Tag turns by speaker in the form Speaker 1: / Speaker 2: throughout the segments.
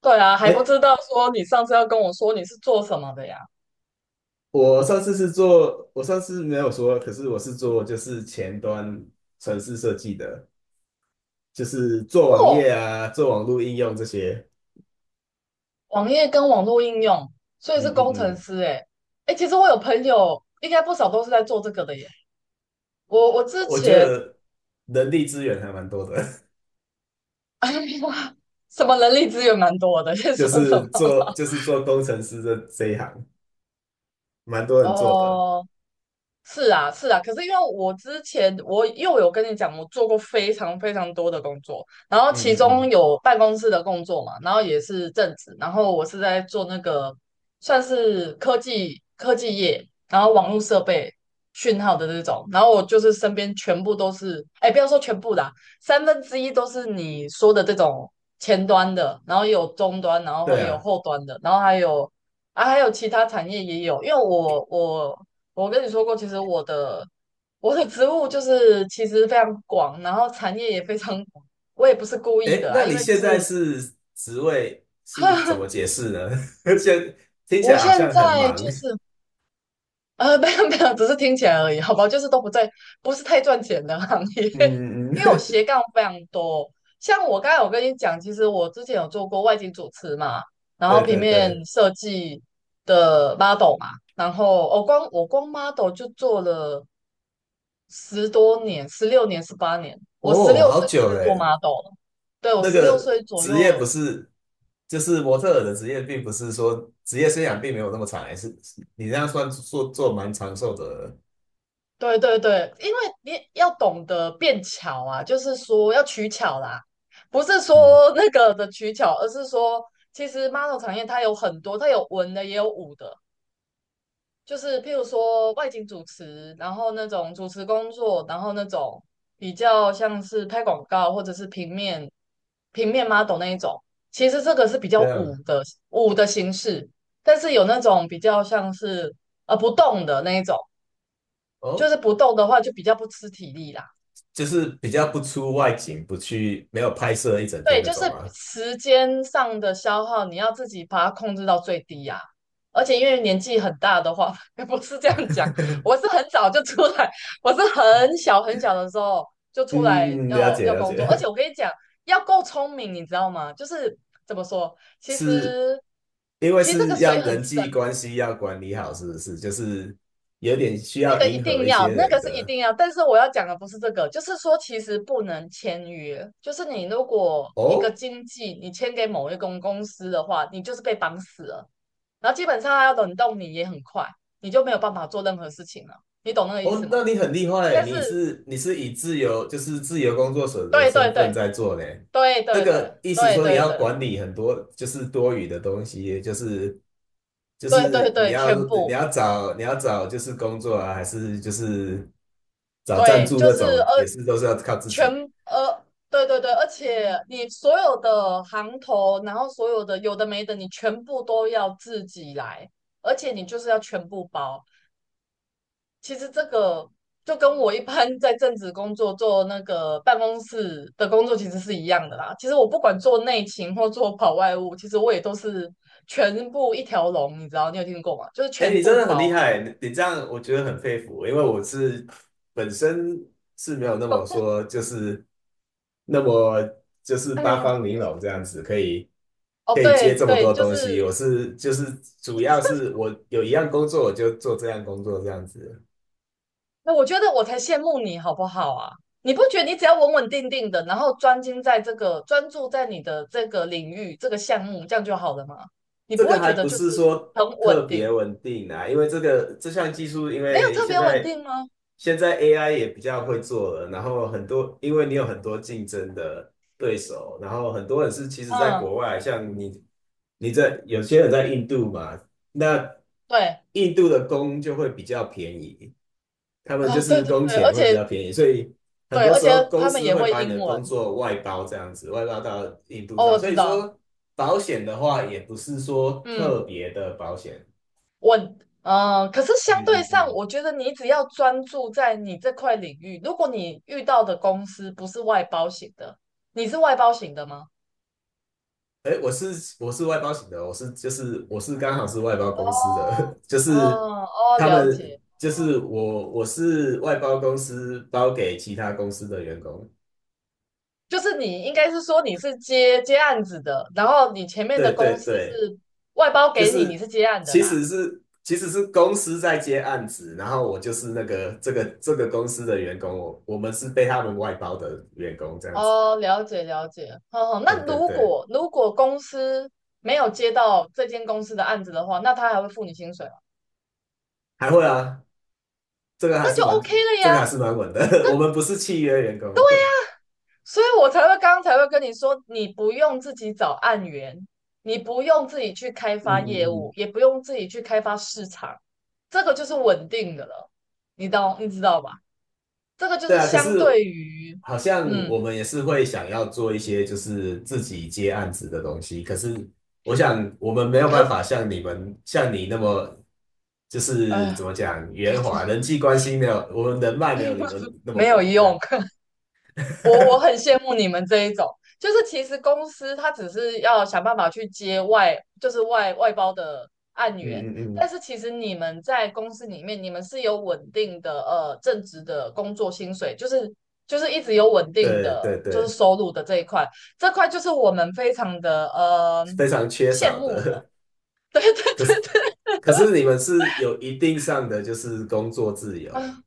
Speaker 1: 对啊，还不
Speaker 2: 哎，
Speaker 1: 知道说你上次要跟我说你是做什么的呀？
Speaker 2: 我上次没有说，可是我是做就是前端城市设计的，就是做网页
Speaker 1: 哦，
Speaker 2: 啊，做网络应用这些。
Speaker 1: 网页跟网络应用，所以是
Speaker 2: 嗯
Speaker 1: 工
Speaker 2: 嗯
Speaker 1: 程
Speaker 2: 嗯，
Speaker 1: 师诶。诶，其实我有朋友，应该不少都是在做这个的耶。我之
Speaker 2: 我觉
Speaker 1: 前
Speaker 2: 得人力资源还蛮多的，
Speaker 1: 什么人力资源蛮多的，先
Speaker 2: 就
Speaker 1: 说什
Speaker 2: 是
Speaker 1: 么？
Speaker 2: 做工程师这一行，蛮多人做的。
Speaker 1: 哦、是啊，是啊，可是因为我之前我又有跟你讲，我做过非常非常多的工作，然后其
Speaker 2: 嗯嗯
Speaker 1: 中
Speaker 2: 嗯，
Speaker 1: 有办公室的工作嘛，然后也是正职，然后我是在做那个算是科技业，然后网络设备讯号的那种，然后我就是身边全部都是，哎，不要说全部啦，三分之一都是你说的这种前端的，然后也有终端，然
Speaker 2: 对
Speaker 1: 后也有
Speaker 2: 啊。
Speaker 1: 后端的，然后还有。啊，还有其他产业也有，因为我我跟你说过，其实我的职务就是其实非常广，然后产业也非常广。我也不是故意
Speaker 2: 哎，
Speaker 1: 的啊，
Speaker 2: 那
Speaker 1: 因
Speaker 2: 你
Speaker 1: 为就
Speaker 2: 现在
Speaker 1: 是
Speaker 2: 是职位是怎么解 释呢？现听起
Speaker 1: 我
Speaker 2: 来好
Speaker 1: 现
Speaker 2: 像很
Speaker 1: 在
Speaker 2: 忙。
Speaker 1: 就是没有没有，只是听起来而已，好吧，就是都不在，不是太赚钱的行业，
Speaker 2: 嗯嗯，
Speaker 1: 因 为我
Speaker 2: 嗯
Speaker 1: 斜杠非常多。像我刚才我跟你讲，其实我之前有做过外景主持嘛，然后
Speaker 2: 对
Speaker 1: 平
Speaker 2: 对
Speaker 1: 面
Speaker 2: 对。
Speaker 1: 设计的 model 嘛，然后我、哦光我光 model 就做了。十多年，十六年、十八年，我十
Speaker 2: 哦，
Speaker 1: 六
Speaker 2: 好
Speaker 1: 岁就
Speaker 2: 久
Speaker 1: 可以
Speaker 2: 哎，
Speaker 1: 做 model 了。对，我
Speaker 2: 那
Speaker 1: 十六
Speaker 2: 个
Speaker 1: 岁左
Speaker 2: 职业不
Speaker 1: 右，
Speaker 2: 是，就是模特儿的职业，并不是说职业生涯并没有那么长，还是你这样算做蛮长寿的，
Speaker 1: 对对对，因为你要懂得变巧啊，就是说要取巧啦，不是
Speaker 2: 嗯，
Speaker 1: 说那个的取巧，而是说其实 model 产业它有很多，它有文的也有武的，就是譬如说外景主持，然后那种主持工作，然后那种比较像是拍广告或者是平面 model 那一种，其实这个是比较
Speaker 2: 这
Speaker 1: 舞
Speaker 2: 样
Speaker 1: 的舞的形式，但是有那种比较像是不动的那一种，就
Speaker 2: 哦，
Speaker 1: 是不动的话就比较不吃体力啦。
Speaker 2: 就是比较不出外景，不去没有拍摄一整天
Speaker 1: 对，
Speaker 2: 那
Speaker 1: 就是
Speaker 2: 种吗？
Speaker 1: 时间上的消耗，你要自己把它控制到最低呀、而且因为年纪很大的话，不是这样讲，我 是很早就出来，我是很小很小的时候就出来
Speaker 2: 嗯，了
Speaker 1: 要
Speaker 2: 解
Speaker 1: 要
Speaker 2: 了
Speaker 1: 工作，而
Speaker 2: 解，
Speaker 1: 且我跟你讲，要够聪明，你知道吗？就是怎么说，其
Speaker 2: 是
Speaker 1: 实
Speaker 2: 因为
Speaker 1: 其实这个
Speaker 2: 是
Speaker 1: 水
Speaker 2: 要
Speaker 1: 很
Speaker 2: 人际
Speaker 1: 深。
Speaker 2: 关系要管理好，是不是？就是有点需
Speaker 1: 那
Speaker 2: 要
Speaker 1: 个一
Speaker 2: 迎合
Speaker 1: 定
Speaker 2: 一
Speaker 1: 要，
Speaker 2: 些
Speaker 1: 那
Speaker 2: 人
Speaker 1: 个是一
Speaker 2: 的
Speaker 1: 定要。但是我要讲的不是这个，就是说其实不能签约。就是你如果一个
Speaker 2: 哦，
Speaker 1: 经纪你签给某一公司的话，你就是被绑死了。然后基本上他要冷冻你也很快，你就没有办法做任何事情了。你懂那个意
Speaker 2: 哦，
Speaker 1: 思吗？
Speaker 2: 那你很厉害，
Speaker 1: 但
Speaker 2: 你
Speaker 1: 是
Speaker 2: 是你是以自由就是自由工作者的
Speaker 1: 对对
Speaker 2: 身份
Speaker 1: 对
Speaker 2: 在做呢。
Speaker 1: 对对
Speaker 2: 这
Speaker 1: 对
Speaker 2: 个意思
Speaker 1: 对
Speaker 2: 说你
Speaker 1: 对
Speaker 2: 要
Speaker 1: 对
Speaker 2: 管理很多就是多余的东西，就是就
Speaker 1: 对对对
Speaker 2: 是你
Speaker 1: 对，全
Speaker 2: 要你
Speaker 1: 部
Speaker 2: 要找你要找就是工作啊，还是就是找赞
Speaker 1: 对，
Speaker 2: 助
Speaker 1: 就
Speaker 2: 那
Speaker 1: 是
Speaker 2: 种，也是都是要靠自
Speaker 1: 全
Speaker 2: 己
Speaker 1: 呃，对对对，而且你所有的行头，然后所有的有的没的，你全部都要自己来，而且你就是要全部包。其实这个就跟我一般在正职工作做那个办公室的工作其实是一样的啦。其实我不管做内勤或做跑外务，其实我也都是全部一条龙，你知道？你有听过吗？就是
Speaker 2: 哎，
Speaker 1: 全
Speaker 2: 你真
Speaker 1: 部
Speaker 2: 的很
Speaker 1: 包
Speaker 2: 厉
Speaker 1: 啊。
Speaker 2: 害，你这样我觉得很佩服，因为我是本身是没有那么说，就是那么就是八
Speaker 1: 哎，
Speaker 2: 方玲珑这样子，可以
Speaker 1: 哦，
Speaker 2: 可以
Speaker 1: 对
Speaker 2: 接这么
Speaker 1: 对，
Speaker 2: 多
Speaker 1: 就
Speaker 2: 东西。
Speaker 1: 是
Speaker 2: 我是就是主要 是我有一样工作，我就做这样工作这样子。
Speaker 1: 那我觉得我才羡慕你，好不好啊？你不觉得你只要稳稳定定的，然后专精在这个，专注在你的这个领域、这个项目，这样就好了吗？你
Speaker 2: 这
Speaker 1: 不
Speaker 2: 个
Speaker 1: 会
Speaker 2: 还
Speaker 1: 觉得
Speaker 2: 不
Speaker 1: 就是
Speaker 2: 是说
Speaker 1: 很
Speaker 2: 特
Speaker 1: 稳
Speaker 2: 别
Speaker 1: 定，
Speaker 2: 稳定啊，因为这个这项技术，因
Speaker 1: 没有
Speaker 2: 为
Speaker 1: 特
Speaker 2: 现
Speaker 1: 别稳
Speaker 2: 在
Speaker 1: 定吗？
Speaker 2: 现在 AI 也比较会做了，然后很多因为你有很多竞争的对手，然后很多人是其实在
Speaker 1: 嗯，
Speaker 2: 国外，像你在有些人在印度嘛，那
Speaker 1: 对，
Speaker 2: 印度的工就会比较便宜，他们就
Speaker 1: 啊、对
Speaker 2: 是
Speaker 1: 对
Speaker 2: 工
Speaker 1: 对，而
Speaker 2: 钱会比
Speaker 1: 且
Speaker 2: 较便宜，所以很
Speaker 1: 对，
Speaker 2: 多
Speaker 1: 而
Speaker 2: 时
Speaker 1: 且
Speaker 2: 候公
Speaker 1: 他们
Speaker 2: 司
Speaker 1: 也
Speaker 2: 会
Speaker 1: 会
Speaker 2: 把你
Speaker 1: 英
Speaker 2: 的
Speaker 1: 文
Speaker 2: 工作外包这样子，外包到印度
Speaker 1: 哦，
Speaker 2: 上。
Speaker 1: 我
Speaker 2: 所
Speaker 1: 知
Speaker 2: 以
Speaker 1: 道，
Speaker 2: 说保险的话，也不是说
Speaker 1: 嗯，
Speaker 2: 特别的保险。
Speaker 1: 稳，嗯、可是相
Speaker 2: 嗯
Speaker 1: 对
Speaker 2: 嗯
Speaker 1: 上，
Speaker 2: 嗯。
Speaker 1: 我觉得你只要专注在你这块领域，如果你遇到的公司不是外包型的，你是外包型的吗？
Speaker 2: 哎，我是外包型的，我是就是我是刚好是外包
Speaker 1: 哦，
Speaker 2: 公司的，就
Speaker 1: 哦，
Speaker 2: 是
Speaker 1: 哦，
Speaker 2: 他
Speaker 1: 了
Speaker 2: 们
Speaker 1: 解，
Speaker 2: 就是我是外包公司包给其他公司的员工。
Speaker 1: 就是你应该是说你是接案子的，然后你前面
Speaker 2: 对
Speaker 1: 的
Speaker 2: 对
Speaker 1: 公司
Speaker 2: 对。
Speaker 1: 是外包
Speaker 2: 就
Speaker 1: 给你，你
Speaker 2: 是
Speaker 1: 是接案的
Speaker 2: 其
Speaker 1: 啦。
Speaker 2: 实是其实是公司在接案子，然后我就是那个这个公司的员工，我们是被他们外包的员工这样子。
Speaker 1: 哦，了解了解，哦，
Speaker 2: 对
Speaker 1: 那
Speaker 2: 对
Speaker 1: 如
Speaker 2: 对，
Speaker 1: 果如果公司没有接到这间公司的案子的话，那他还会付你薪水吗？
Speaker 2: 还会啊，这个还
Speaker 1: 那
Speaker 2: 是
Speaker 1: 就
Speaker 2: 蛮
Speaker 1: OK 了
Speaker 2: 这个还
Speaker 1: 呀。
Speaker 2: 是蛮稳的，我们不是契约员工。
Speaker 1: 所以我才会刚刚才会跟你说，你不用自己找案源，你不用自己去开
Speaker 2: 嗯
Speaker 1: 发业
Speaker 2: 嗯
Speaker 1: 务，
Speaker 2: 嗯。
Speaker 1: 也不用自己去开发市场，这个就是稳定的了，你懂，你知道吧？这个就
Speaker 2: 对
Speaker 1: 是
Speaker 2: 啊，可
Speaker 1: 相
Speaker 2: 是
Speaker 1: 对于，
Speaker 2: 好像
Speaker 1: 嗯，
Speaker 2: 我们也是会想要做一些就是自己接案子的东西，可是我想我们没有
Speaker 1: 可
Speaker 2: 办
Speaker 1: 是，
Speaker 2: 法像你们像你那么就是怎
Speaker 1: 哎，
Speaker 2: 么讲
Speaker 1: 不
Speaker 2: 圆
Speaker 1: 知
Speaker 2: 滑，
Speaker 1: 道，
Speaker 2: 人际关系没有我们人脉没有你们那么
Speaker 1: 没有
Speaker 2: 广这样。
Speaker 1: 用。我很羡慕你们这一种，就是其实公司它只是要想办法去接外，就是外包的案源，
Speaker 2: 嗯嗯
Speaker 1: 但
Speaker 2: 嗯，
Speaker 1: 是其实你们在公司里面，你们是有稳定的正职的工作薪水，就是就是一直有稳 定
Speaker 2: 对
Speaker 1: 的
Speaker 2: 对
Speaker 1: 就是
Speaker 2: 对，
Speaker 1: 收入的这一块，这块就是我们非常的
Speaker 2: 非常缺
Speaker 1: 羡
Speaker 2: 少
Speaker 1: 慕的，
Speaker 2: 的。
Speaker 1: 对对
Speaker 2: 可是
Speaker 1: 对对，
Speaker 2: 可是你们是有一定上的就是工作 自由，
Speaker 1: 啊，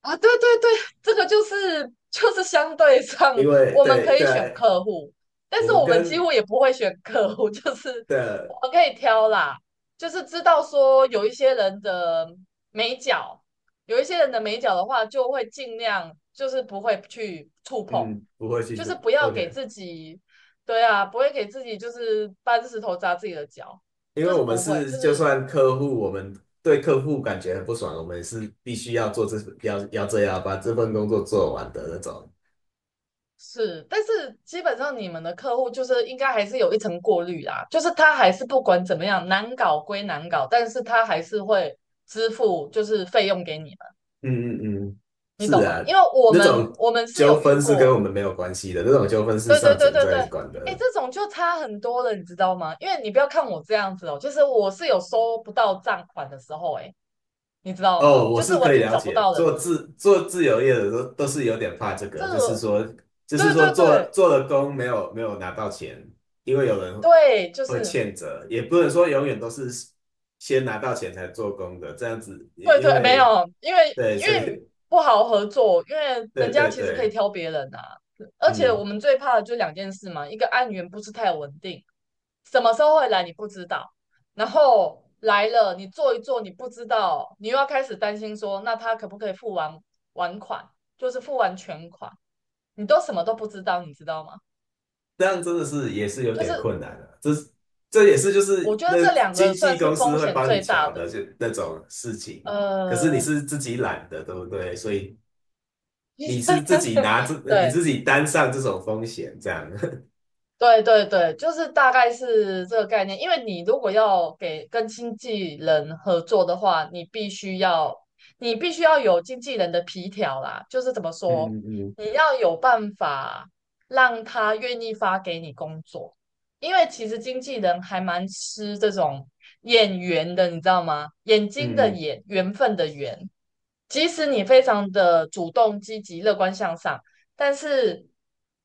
Speaker 1: 啊，对对对，这个就是相对上，
Speaker 2: 因为
Speaker 1: 我们
Speaker 2: 对
Speaker 1: 可以选
Speaker 2: 对，
Speaker 1: 客户，但
Speaker 2: 我
Speaker 1: 是
Speaker 2: 们
Speaker 1: 我们几
Speaker 2: 跟
Speaker 1: 乎也不会选客户，就是我
Speaker 2: 的
Speaker 1: 们可以挑啦，就是知道说有一些人的美角，有一些人的美角的话，就会尽量就是不会去触碰，
Speaker 2: 嗯不会去
Speaker 1: 就是不要给
Speaker 2: OK。
Speaker 1: 自己，对啊，不会给自己就是搬石头砸自己的脚，
Speaker 2: 因为
Speaker 1: 就是
Speaker 2: 我们
Speaker 1: 不会，
Speaker 2: 是
Speaker 1: 就
Speaker 2: 就
Speaker 1: 是
Speaker 2: 算客户，我们对客户感觉很不爽，我们是必须要做这要这样把这份工作做完的那种。
Speaker 1: 是，但是基本上你们的客户就是应该还是有一层过滤啦，就是他还是不管怎么样难搞归难搞，但是他还是会支付就是费用给你们，
Speaker 2: 嗯嗯嗯，
Speaker 1: 你
Speaker 2: 是
Speaker 1: 懂吗？
Speaker 2: 啊，
Speaker 1: 因为我
Speaker 2: 那
Speaker 1: 们
Speaker 2: 种
Speaker 1: 我们是
Speaker 2: 纠
Speaker 1: 有遇
Speaker 2: 纷是跟
Speaker 1: 过，
Speaker 2: 我们没有关系的，那种纠纷是
Speaker 1: 对对
Speaker 2: 上
Speaker 1: 对
Speaker 2: 层
Speaker 1: 对对，
Speaker 2: 在管
Speaker 1: 哎，
Speaker 2: 的。
Speaker 1: 这种就差很多了，你知道吗？因为你不要看我这样子哦，就是我是有收不到账款的时候，哎，你知道
Speaker 2: 哦，
Speaker 1: 吗？
Speaker 2: 我
Speaker 1: 就是
Speaker 2: 是
Speaker 1: 完
Speaker 2: 可以
Speaker 1: 全
Speaker 2: 了
Speaker 1: 找不
Speaker 2: 解，
Speaker 1: 到人
Speaker 2: 做
Speaker 1: 了，
Speaker 2: 自做自由业的都是有点怕这个，
Speaker 1: 这
Speaker 2: 就是
Speaker 1: 个
Speaker 2: 说，就是
Speaker 1: 对
Speaker 2: 说
Speaker 1: 对
Speaker 2: 做
Speaker 1: 对
Speaker 2: 做了工没有拿到钱，因为有人
Speaker 1: 对，就
Speaker 2: 会
Speaker 1: 是
Speaker 2: 欠着，也不能说永远都是先拿到钱才做工的，这样子，因
Speaker 1: 对
Speaker 2: 因
Speaker 1: 对，没
Speaker 2: 为
Speaker 1: 有，因为
Speaker 2: 对，
Speaker 1: 因
Speaker 2: 所以
Speaker 1: 为 不好合作，因为人
Speaker 2: 对
Speaker 1: 家
Speaker 2: 对
Speaker 1: 其实可以
Speaker 2: 对，
Speaker 1: 挑别人啊。而且我
Speaker 2: 嗯，
Speaker 1: 们最怕的就两件事嘛，一个案源不是太稳定，什么时候会来你不知道，然后来了你做一做你不知道，你又要开始担心说，那他可不可以完款，就是付完全款，你都什么都不知道，你知道吗？
Speaker 2: 这样真的是也是有
Speaker 1: 就
Speaker 2: 点
Speaker 1: 是
Speaker 2: 困难的，这也是就
Speaker 1: 我
Speaker 2: 是
Speaker 1: 觉得
Speaker 2: 那
Speaker 1: 这两个
Speaker 2: 经纪
Speaker 1: 算是
Speaker 2: 公
Speaker 1: 风
Speaker 2: 司会
Speaker 1: 险
Speaker 2: 帮你
Speaker 1: 最大
Speaker 2: 瞧的，
Speaker 1: 的，
Speaker 2: 就那种事情，可是你
Speaker 1: 呃，
Speaker 2: 是自己懒的，对不对？所以。你是自己拿这，你
Speaker 1: 对。
Speaker 2: 自己担上这种风险，这样，
Speaker 1: 对对对，就是大概是这个概念。因为你如果要给跟经纪人合作的话，你必须要有经纪人的皮条啦，就是怎么说，
Speaker 2: 嗯嗯
Speaker 1: 你要有办法让他愿意发给你工作，因为其实经纪人还蛮吃这种眼缘的，你知道吗？眼睛的
Speaker 2: 嗯，
Speaker 1: 眼，缘分的缘。即使你非常的主动、积极、乐观向上，但是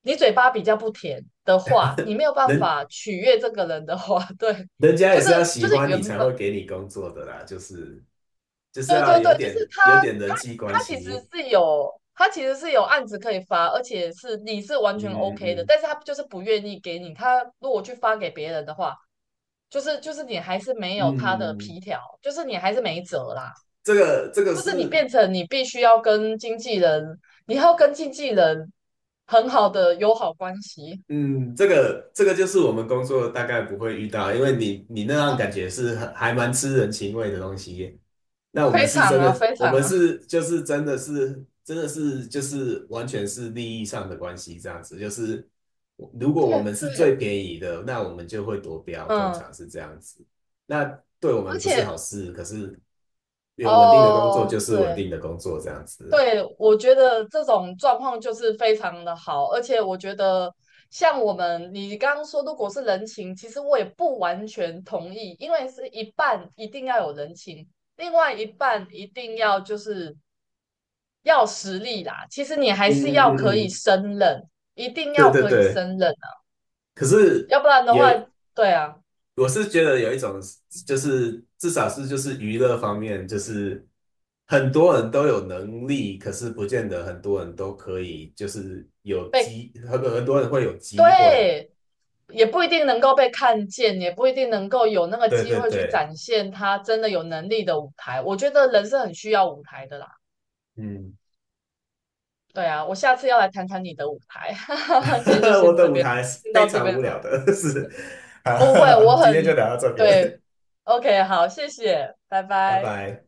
Speaker 1: 你嘴巴比较不甜的话，你没有 办
Speaker 2: 人
Speaker 1: 法取悦这个人的话，对，
Speaker 2: 人家
Speaker 1: 就
Speaker 2: 也
Speaker 1: 是
Speaker 2: 是要喜
Speaker 1: 就是
Speaker 2: 欢你
Speaker 1: 原
Speaker 2: 才会
Speaker 1: 本
Speaker 2: 给你工作的啦，就是
Speaker 1: 对
Speaker 2: 要
Speaker 1: 对对，
Speaker 2: 有
Speaker 1: 就是
Speaker 2: 点
Speaker 1: 他
Speaker 2: 有点人
Speaker 1: 他
Speaker 2: 际关
Speaker 1: 他其实
Speaker 2: 系，
Speaker 1: 是有案子可以发，而且是你是完
Speaker 2: 嗯
Speaker 1: 全
Speaker 2: 嗯
Speaker 1: OK 的，
Speaker 2: 嗯
Speaker 1: 但是他就是不愿意给你，他如果去发给别人的话，就是你还是没有他的
Speaker 2: 嗯，
Speaker 1: 皮条，就是你还是没辙啦，
Speaker 2: 这个这个
Speaker 1: 就是你变
Speaker 2: 是
Speaker 1: 成你必须要跟经纪人，你要跟经纪人很好的友好关系。
Speaker 2: 这个就是我们工作大概不会遇到，因为你那样感 觉是很还蛮吃人情味的东西。那我们
Speaker 1: 非
Speaker 2: 是
Speaker 1: 常
Speaker 2: 真
Speaker 1: 啊，
Speaker 2: 的，
Speaker 1: 非
Speaker 2: 我
Speaker 1: 常
Speaker 2: 们
Speaker 1: 啊，
Speaker 2: 是就是真的是就是完全是利益上的关系这样子，就是如 果我
Speaker 1: 对
Speaker 2: 们是
Speaker 1: 对，
Speaker 2: 最便宜的，那我们就会夺标，通
Speaker 1: 嗯，
Speaker 2: 常是这样子。那对我
Speaker 1: 而
Speaker 2: 们不是
Speaker 1: 且
Speaker 2: 好事，可是有稳定的工作
Speaker 1: 哦，
Speaker 2: 就是稳
Speaker 1: 对
Speaker 2: 定的工作这样子。
Speaker 1: 对，我觉得这种状况就是非常的好，而且我觉得像我们你刚刚说，如果是人情，其实我也不完全同意，因为是一半一定要有人情，另外一半一定要就是要实力啦。其实你还是
Speaker 2: 嗯嗯
Speaker 1: 要可
Speaker 2: 嗯
Speaker 1: 以
Speaker 2: 嗯，
Speaker 1: 胜任，一定
Speaker 2: 对
Speaker 1: 要
Speaker 2: 对
Speaker 1: 可以
Speaker 2: 对，
Speaker 1: 胜任啊，
Speaker 2: 可是。
Speaker 1: 要不然的话，
Speaker 2: 也
Speaker 1: 对啊，
Speaker 2: 我是觉得有一种，就是至少是就是娱乐方面，就是很多人都有能力，可是不见得很多人都可以，就是有
Speaker 1: 被
Speaker 2: 机，很多人会有机会。
Speaker 1: 对，也不一定能够被看见，也不一定能够有那个
Speaker 2: 对
Speaker 1: 机
Speaker 2: 对
Speaker 1: 会去
Speaker 2: 对，
Speaker 1: 展现他真的有能力的舞台。我觉得人是很需要舞台的啦。
Speaker 2: 嗯，
Speaker 1: 对啊，我下次要来谈谈你的舞台。今天就
Speaker 2: 我
Speaker 1: 先
Speaker 2: 的
Speaker 1: 这
Speaker 2: 舞
Speaker 1: 边，
Speaker 2: 台是
Speaker 1: 先
Speaker 2: 非
Speaker 1: 到这
Speaker 2: 常
Speaker 1: 边
Speaker 2: 无聊
Speaker 1: 了。
Speaker 2: 的，是。
Speaker 1: 不会，
Speaker 2: 好，
Speaker 1: 我
Speaker 2: 今
Speaker 1: 很，
Speaker 2: 天就聊到这边，
Speaker 1: 对，OK，好，谢谢，拜
Speaker 2: 拜
Speaker 1: 拜。
Speaker 2: 拜。